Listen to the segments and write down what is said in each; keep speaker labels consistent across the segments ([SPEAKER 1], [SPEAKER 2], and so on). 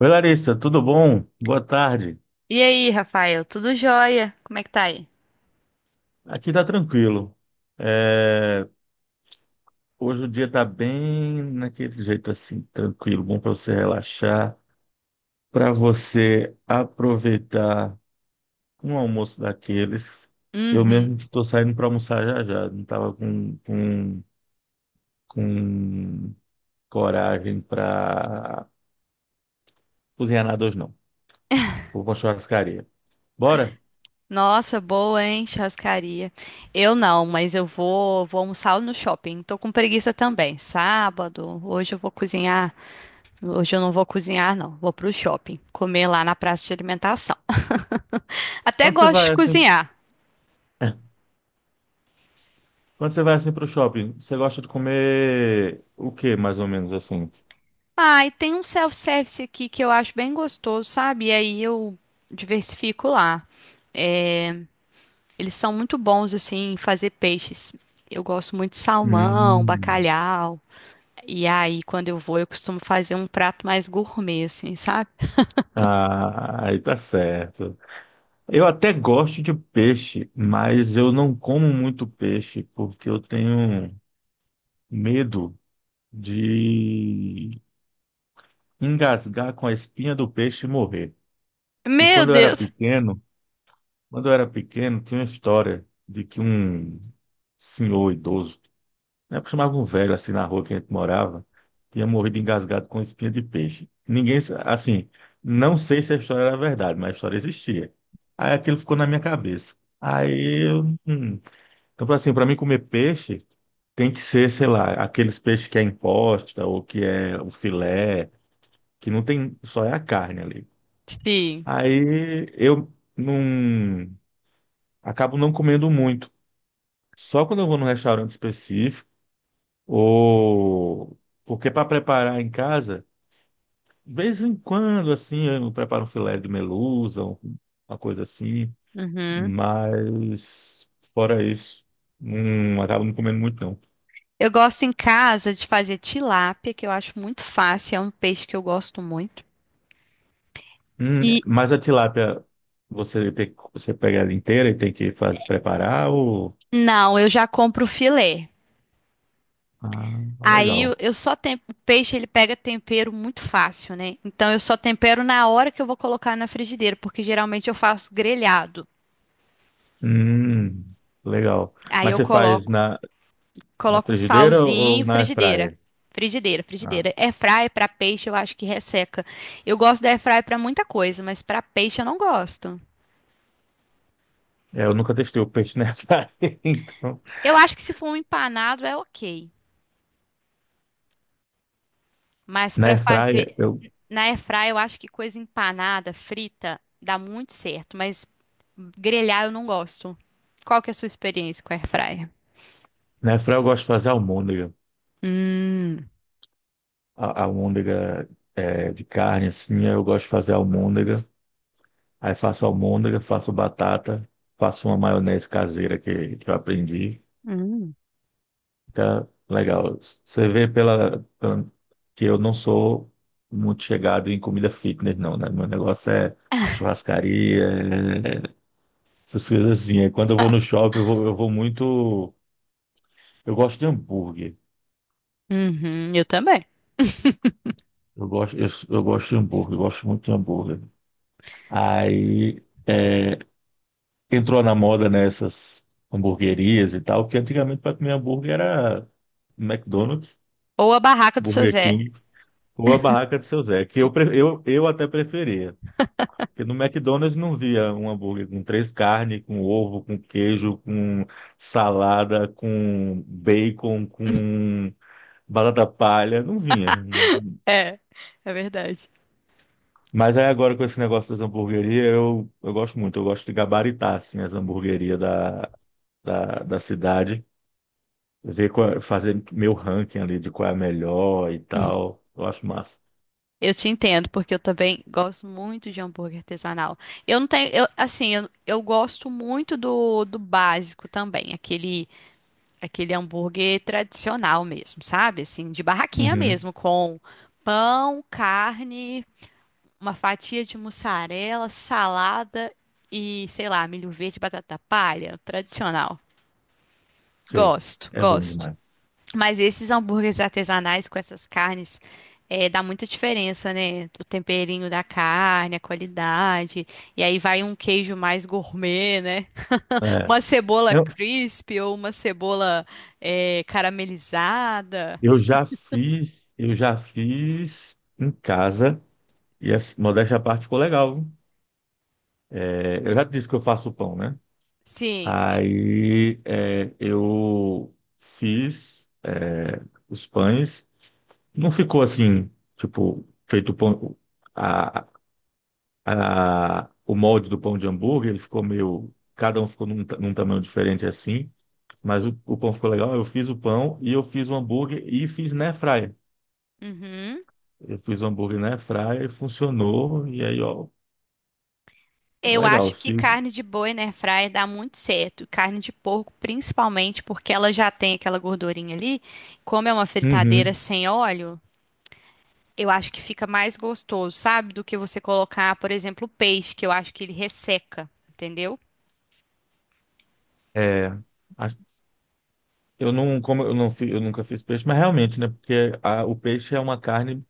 [SPEAKER 1] Oi, Larissa, tudo bom? Boa tarde.
[SPEAKER 2] E aí, Rafael, tudo jóia? Como é que tá aí?
[SPEAKER 1] Aqui tá tranquilo. É, Hoje o dia tá bem naquele jeito assim, tranquilo, bom para você relaxar, para você aproveitar um almoço daqueles. Eu
[SPEAKER 2] Uhum.
[SPEAKER 1] mesmo estou saindo para almoçar já já, não estava com coragem para cozinhar nada hoje não. Vou para churrascaria. Bora?
[SPEAKER 2] Nossa, boa, hein? Churrascaria. Eu não, mas eu vou, vou almoçar no shopping. Tô com preguiça também. Sábado, hoje eu vou cozinhar. Hoje eu não vou cozinhar, não. Vou pro shopping, comer lá na praça de alimentação. Até
[SPEAKER 1] Quando você
[SPEAKER 2] gosto de
[SPEAKER 1] vai assim?
[SPEAKER 2] cozinhar.
[SPEAKER 1] Quando você vai assim pro shopping, você gosta de comer o que mais ou menos assim?
[SPEAKER 2] Ah, e tem um self-service aqui que eu acho bem gostoso, sabe? E aí eu diversifico lá. É, Eles são muito bons assim em fazer peixes. Eu gosto muito de salmão,
[SPEAKER 1] Hum.
[SPEAKER 2] bacalhau. E aí, quando eu vou, eu costumo fazer um prato mais gourmet, assim, sabe?
[SPEAKER 1] Ah, aí tá certo. Eu até gosto de peixe, mas eu não como muito peixe porque eu tenho medo de engasgar com a espinha do peixe e morrer. E
[SPEAKER 2] Meu
[SPEAKER 1] quando eu era
[SPEAKER 2] Deus!
[SPEAKER 1] pequeno, tinha uma história de que um senhor idoso, né? Chamava um velho assim na rua que a gente morava, tinha morrido engasgado com espinha de peixe. Assim, não sei se a história era verdade, mas a história existia. Aí aquilo ficou na minha cabeça. Aí, eu, hum. Então, assim, para mim comer peixe tem que ser, sei lá, aqueles peixes que é imposta ou que é o filé, que não tem, só é a carne ali.
[SPEAKER 2] Sim.
[SPEAKER 1] Aí eu não acabo não comendo muito. Só quando eu vou num restaurante específico ou, porque para preparar em casa, de vez em quando assim, eu preparo um filé de merluza, uma coisa assim,
[SPEAKER 2] Uhum.
[SPEAKER 1] mas fora isso, não acabo não comendo muito não.
[SPEAKER 2] Eu gosto em casa de fazer tilápia, que eu acho muito fácil, é um peixe que eu gosto muito. E
[SPEAKER 1] Mas a tilápia você pega ela inteira e tem que fazer preparar ou
[SPEAKER 2] não, eu já compro o filé.
[SPEAKER 1] ah,
[SPEAKER 2] Aí
[SPEAKER 1] legal.
[SPEAKER 2] eu só tem o peixe ele pega tempero muito fácil, né? Então eu só tempero na hora que eu vou colocar na frigideira, porque geralmente eu faço grelhado.
[SPEAKER 1] Hum, legal.
[SPEAKER 2] Aí
[SPEAKER 1] Mas
[SPEAKER 2] eu
[SPEAKER 1] você faz
[SPEAKER 2] coloco.
[SPEAKER 1] na
[SPEAKER 2] Coloca um
[SPEAKER 1] frigideira ou
[SPEAKER 2] salzinho,
[SPEAKER 1] na
[SPEAKER 2] frigideira.
[SPEAKER 1] airfryer?
[SPEAKER 2] Frigideira,
[SPEAKER 1] Ah,
[SPEAKER 2] frigideira. Airfry para peixe eu acho que resseca. Eu gosto da airfry para muita coisa, mas para peixe eu não gosto.
[SPEAKER 1] é, eu nunca testei o peixe na airfryer, então
[SPEAKER 2] Eu acho que se for um empanado é ok, mas
[SPEAKER 1] na
[SPEAKER 2] para fazer
[SPEAKER 1] airfryer eu
[SPEAKER 2] na airfry eu acho que coisa empanada, frita, dá muito certo, mas grelhar eu não gosto. Qual que é a sua experiência com airfryer?
[SPEAKER 1] na airfryer eu gosto de fazer almôndega.
[SPEAKER 2] Hum,
[SPEAKER 1] Almôndega é, de carne, assim, eu gosto de fazer almôndega. Aí faço almôndega, faço batata, faço uma maionese caseira que eu aprendi.
[SPEAKER 2] hum.
[SPEAKER 1] Fica legal. Você vê que eu não sou muito chegado em comida fitness, não, né? Meu negócio é churrascaria, é- essas coisas assim. Aí quando eu vou no shopping, eu vou muito... Eu gosto de hambúrguer.
[SPEAKER 2] Uhum, eu também.
[SPEAKER 1] Eu gosto, eu gosto de hambúrguer, eu gosto muito de hambúrguer. Aí é, entrou na moda nessas hamburguerias e tal, que antigamente para comer hambúrguer era McDonald's,
[SPEAKER 2] Ou a barraca do seu
[SPEAKER 1] Burger
[SPEAKER 2] Zé.
[SPEAKER 1] King ou a barraca de seu Zé, que eu até preferia. Porque no McDonald's não via um hambúrguer com três carnes, com ovo, com queijo, com salada, com bacon, com batata palha, não vinha.
[SPEAKER 2] É, é verdade.
[SPEAKER 1] Mas aí agora com esse negócio das hamburguerias, eu gosto muito, eu gosto de gabaritar assim, as hamburguerias da cidade, ver qual, é, fazer meu ranking ali de qual é a melhor e tal. Eu acho massa.
[SPEAKER 2] Eu te entendo, porque eu também gosto muito de hambúrguer artesanal. Eu não tenho, eu, assim, eu gosto muito do básico também, aquele, aquele hambúrguer tradicional mesmo, sabe? Assim, de barraquinha
[SPEAKER 1] Uhum,
[SPEAKER 2] mesmo, com pão, carne, uma fatia de mussarela, salada e, sei lá, milho verde, batata palha, tradicional.
[SPEAKER 1] sei.
[SPEAKER 2] Gosto,
[SPEAKER 1] É bom
[SPEAKER 2] gosto.
[SPEAKER 1] demais.
[SPEAKER 2] Mas esses hambúrgueres artesanais com essas carnes, dá muita diferença, né? O temperinho da carne, a qualidade. E aí vai um queijo mais gourmet, né?
[SPEAKER 1] É.
[SPEAKER 2] Uma cebola
[SPEAKER 1] Não,
[SPEAKER 2] crisp ou uma cebola caramelizada.
[SPEAKER 1] eu já fiz em casa e essa modéstia à parte ficou legal, viu? É, eu já disse que eu faço pão, né?
[SPEAKER 2] Sim, sim.
[SPEAKER 1] Aí é, eu fiz é, os pães. Não ficou assim, tipo, feito pão, a, a- o molde do pão de hambúrguer, ele ficou meio. Cada um ficou num tamanho diferente assim, mas o pão ficou legal. Eu fiz o pão e eu fiz o hambúrguer e fiz na airfryer.
[SPEAKER 2] Uhum.
[SPEAKER 1] Eu fiz o hambúrguer na airfryer e funcionou. E aí, ó,
[SPEAKER 2] Eu
[SPEAKER 1] legal.
[SPEAKER 2] acho que
[SPEAKER 1] Se,
[SPEAKER 2] carne de boi na airfryer dá muito certo. Carne de porco, principalmente, porque ela já tem aquela gordurinha ali. Como é uma fritadeira
[SPEAKER 1] uhum.
[SPEAKER 2] sem óleo, eu acho que fica mais gostoso, sabe? Do que você colocar, por exemplo, peixe, que eu acho que ele resseca, entendeu?
[SPEAKER 1] É, a- eu não como eu não fi- eu nunca fiz peixe, mas realmente, né? Porque a- o peixe é uma carne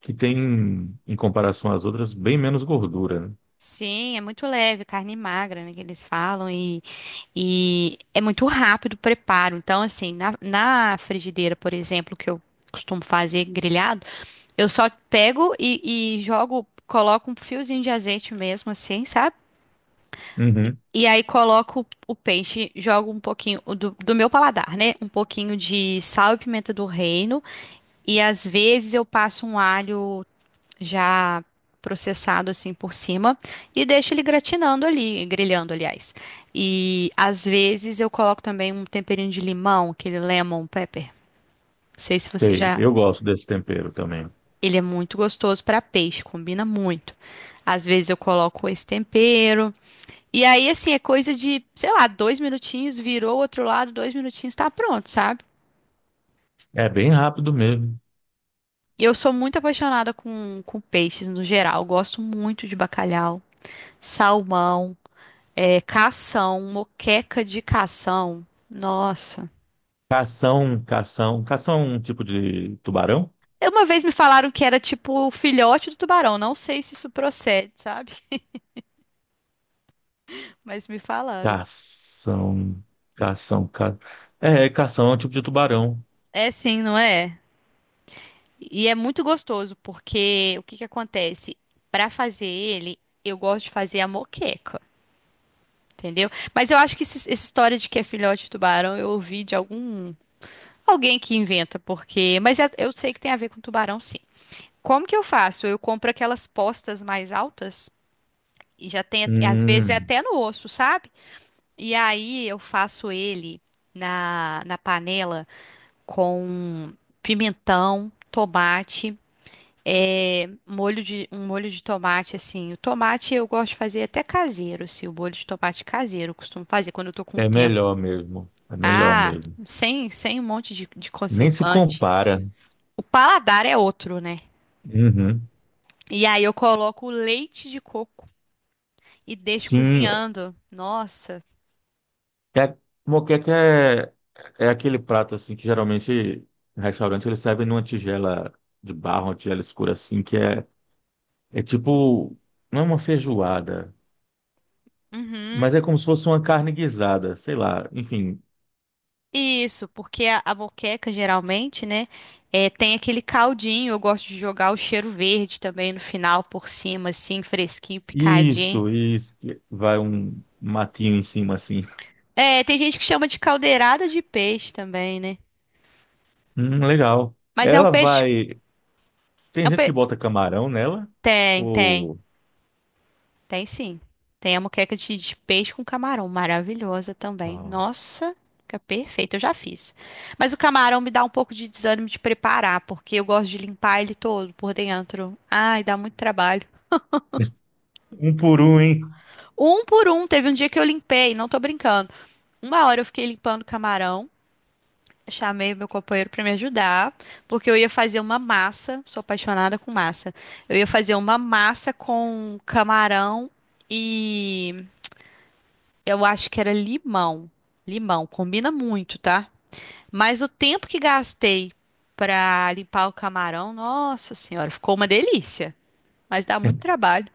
[SPEAKER 1] que tem, em comparação às outras, bem menos gordura, né?
[SPEAKER 2] Sim, é muito leve, carne magra, né, que eles falam, e é muito rápido o preparo. Então, assim, na frigideira, por exemplo, que eu costumo fazer grelhado, eu só pego e jogo, coloco um fiozinho de azeite mesmo, assim, sabe?
[SPEAKER 1] Uhum.
[SPEAKER 2] E aí coloco o peixe, jogo um pouquinho o do meu paladar, né? Um pouquinho de sal e pimenta do reino. E às vezes eu passo um alho já processado assim por cima e deixo ele gratinando ali, grelhando, aliás. E às vezes eu coloco também um temperinho de limão, aquele lemon pepper. Não sei se você
[SPEAKER 1] Sei,
[SPEAKER 2] já.
[SPEAKER 1] eu gosto desse tempero também.
[SPEAKER 2] Ele é muito gostoso para peixe, combina muito. Às vezes eu coloco esse tempero. E aí, assim, é coisa de, sei lá, dois minutinhos, virou o outro lado, dois minutinhos, tá pronto, sabe?
[SPEAKER 1] É bem rápido mesmo.
[SPEAKER 2] E eu sou muito apaixonada com peixes no geral. Eu gosto muito de bacalhau, salmão, cação, moqueca de cação. Nossa.
[SPEAKER 1] Cação. Cação é um tipo de tubarão?
[SPEAKER 2] Uma vez me falaram que era tipo o filhote do tubarão. Não sei se isso procede, sabe? Mas me falaram.
[SPEAKER 1] Cação, cação, ca... É, cação é um tipo de tubarão.
[SPEAKER 2] É sim, não é? E é muito gostoso, porque o que que acontece? Pra fazer ele, eu gosto de fazer a moqueca, entendeu? Mas eu acho que essa história de que é filhote de tubarão, eu ouvi de algum alguém que inventa, porque, eu sei que tem a ver com tubarão, sim. Como que eu faço? Eu compro aquelas postas mais altas e já tem, às vezes é
[SPEAKER 1] Hum,
[SPEAKER 2] até no osso, sabe? E aí eu faço ele na panela com pimentão, tomate, molho de, um molho de tomate assim. O tomate eu gosto de fazer até caseiro, assim, o molho de tomate caseiro eu costumo fazer quando eu tô com
[SPEAKER 1] é
[SPEAKER 2] tempo.
[SPEAKER 1] melhor mesmo. É melhor
[SPEAKER 2] Ah,
[SPEAKER 1] mesmo.
[SPEAKER 2] sem, sem um monte de
[SPEAKER 1] Nem se
[SPEAKER 2] conservante.
[SPEAKER 1] compara.
[SPEAKER 2] O paladar é outro, né?
[SPEAKER 1] Uhum.
[SPEAKER 2] E aí eu coloco leite de coco. E deixo
[SPEAKER 1] Sim,
[SPEAKER 2] cozinhando. Nossa.
[SPEAKER 1] é, moqueca é aquele prato assim que geralmente em restaurante eles servem numa tigela de barro, uma tigela escura assim, que é, é tipo, não é uma feijoada, mas
[SPEAKER 2] Uhum.
[SPEAKER 1] é como se fosse uma carne guisada, sei lá, enfim.
[SPEAKER 2] Isso, porque a moqueca geralmente, né, tem aquele caldinho. Eu gosto de jogar o cheiro verde também no final, por cima, assim, fresquinho, picadinho.
[SPEAKER 1] Isso, isso. Que vai um matinho em cima assim.
[SPEAKER 2] É, tem gente que chama de caldeirada de peixe também, né?
[SPEAKER 1] Legal.
[SPEAKER 2] Mas é um
[SPEAKER 1] Ela
[SPEAKER 2] peixe.
[SPEAKER 1] vai.
[SPEAKER 2] É
[SPEAKER 1] Tem
[SPEAKER 2] um pe...
[SPEAKER 1] gente que bota camarão nela?
[SPEAKER 2] Tem, tem.
[SPEAKER 1] Ou.
[SPEAKER 2] Tem sim. Tem a moqueca de peixe com camarão, maravilhosa também.
[SPEAKER 1] Ah,
[SPEAKER 2] Nossa, fica perfeito, eu já fiz. Mas o camarão me dá um pouco de desânimo de preparar, porque eu gosto de limpar ele todo por dentro. Ai, dá muito trabalho.
[SPEAKER 1] um por um, hein?
[SPEAKER 2] Um por um, teve um dia que eu limpei, não tô brincando. Uma hora eu fiquei limpando o camarão. Chamei meu companheiro para me ajudar, porque eu ia fazer uma massa. Sou apaixonada com massa. Eu ia fazer uma massa com camarão e eu acho que era limão. Limão, combina muito, tá? Mas o tempo que gastei pra limpar o camarão, nossa senhora, ficou uma delícia. Mas dá muito trabalho.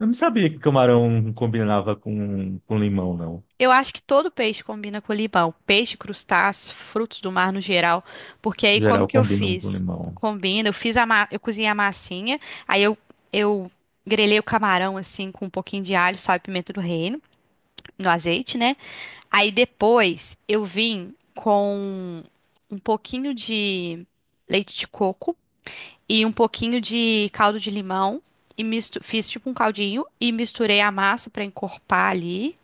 [SPEAKER 1] Eu não sabia que camarão combinava com limão, não.
[SPEAKER 2] Eu acho que todo peixe combina com limão. Peixe, crustáceos, frutos do mar no geral. Porque aí
[SPEAKER 1] Em
[SPEAKER 2] como
[SPEAKER 1] geral
[SPEAKER 2] que eu
[SPEAKER 1] combinam com
[SPEAKER 2] fiz?
[SPEAKER 1] limão.
[SPEAKER 2] Combina, eu cozinhei a massinha, aí eu, eu grelhei o camarão assim com um pouquinho de alho, sal e pimenta do reino, no azeite, né? Aí depois eu vim com um pouquinho de leite de coco e um pouquinho de caldo de limão e fiz tipo um caldinho e misturei a massa para encorpar ali,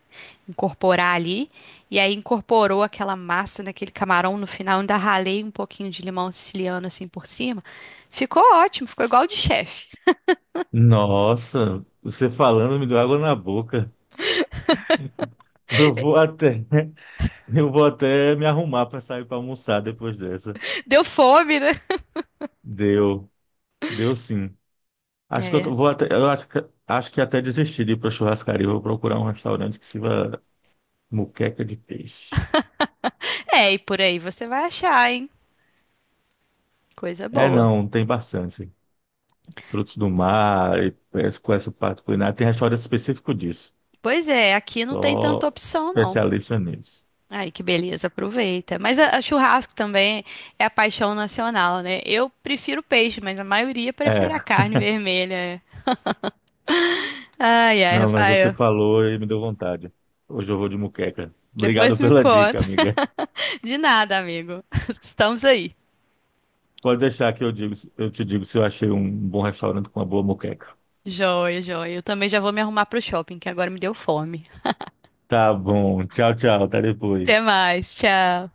[SPEAKER 2] incorporar ali. E aí incorporou aquela massa naquele camarão no final, ainda ralei um pouquinho de limão siciliano assim por cima. Ficou ótimo, ficou igual de chefe.
[SPEAKER 1] Nossa, você falando me deu água na boca. Eu vou até, eu vou até me arrumar para sair para almoçar depois dessa.
[SPEAKER 2] Deu fome, né?
[SPEAKER 1] Deu, deu sim. Acho que eu
[SPEAKER 2] É.
[SPEAKER 1] tô- vou até, eu acho que até desisti de ir para churrascaria. Vou procurar um restaurante que sirva moqueca de peixe.
[SPEAKER 2] É, e por aí você vai achar, hein? Coisa
[SPEAKER 1] É,
[SPEAKER 2] boa.
[SPEAKER 1] não, tem bastante. Frutos do mar, e essa- com essa parte culinária. Tem restaurante específico disso.
[SPEAKER 2] Pois é, aqui não tem tanta
[SPEAKER 1] Só
[SPEAKER 2] opção, não.
[SPEAKER 1] especialista nisso.
[SPEAKER 2] Ai, que beleza, aproveita. Mas a churrasco também é a paixão nacional, né? Eu prefiro peixe, mas a maioria prefere a
[SPEAKER 1] É,
[SPEAKER 2] carne vermelha. Ai, ai,
[SPEAKER 1] não, mas você
[SPEAKER 2] Rafael.
[SPEAKER 1] falou e me deu vontade. Hoje eu vou de moqueca.
[SPEAKER 2] Depois
[SPEAKER 1] Obrigado
[SPEAKER 2] me
[SPEAKER 1] pela dica,
[SPEAKER 2] conta.
[SPEAKER 1] amiga.
[SPEAKER 2] De nada, amigo. Estamos aí.
[SPEAKER 1] Pode deixar que eu digo, eu te digo se eu achei um bom restaurante com uma boa moqueca.
[SPEAKER 2] Joia, joia. Eu também já vou me arrumar pro shopping, que agora me deu fome.
[SPEAKER 1] Tá bom. Tchau, tchau. Até
[SPEAKER 2] Até
[SPEAKER 1] depois.
[SPEAKER 2] mais, tchau.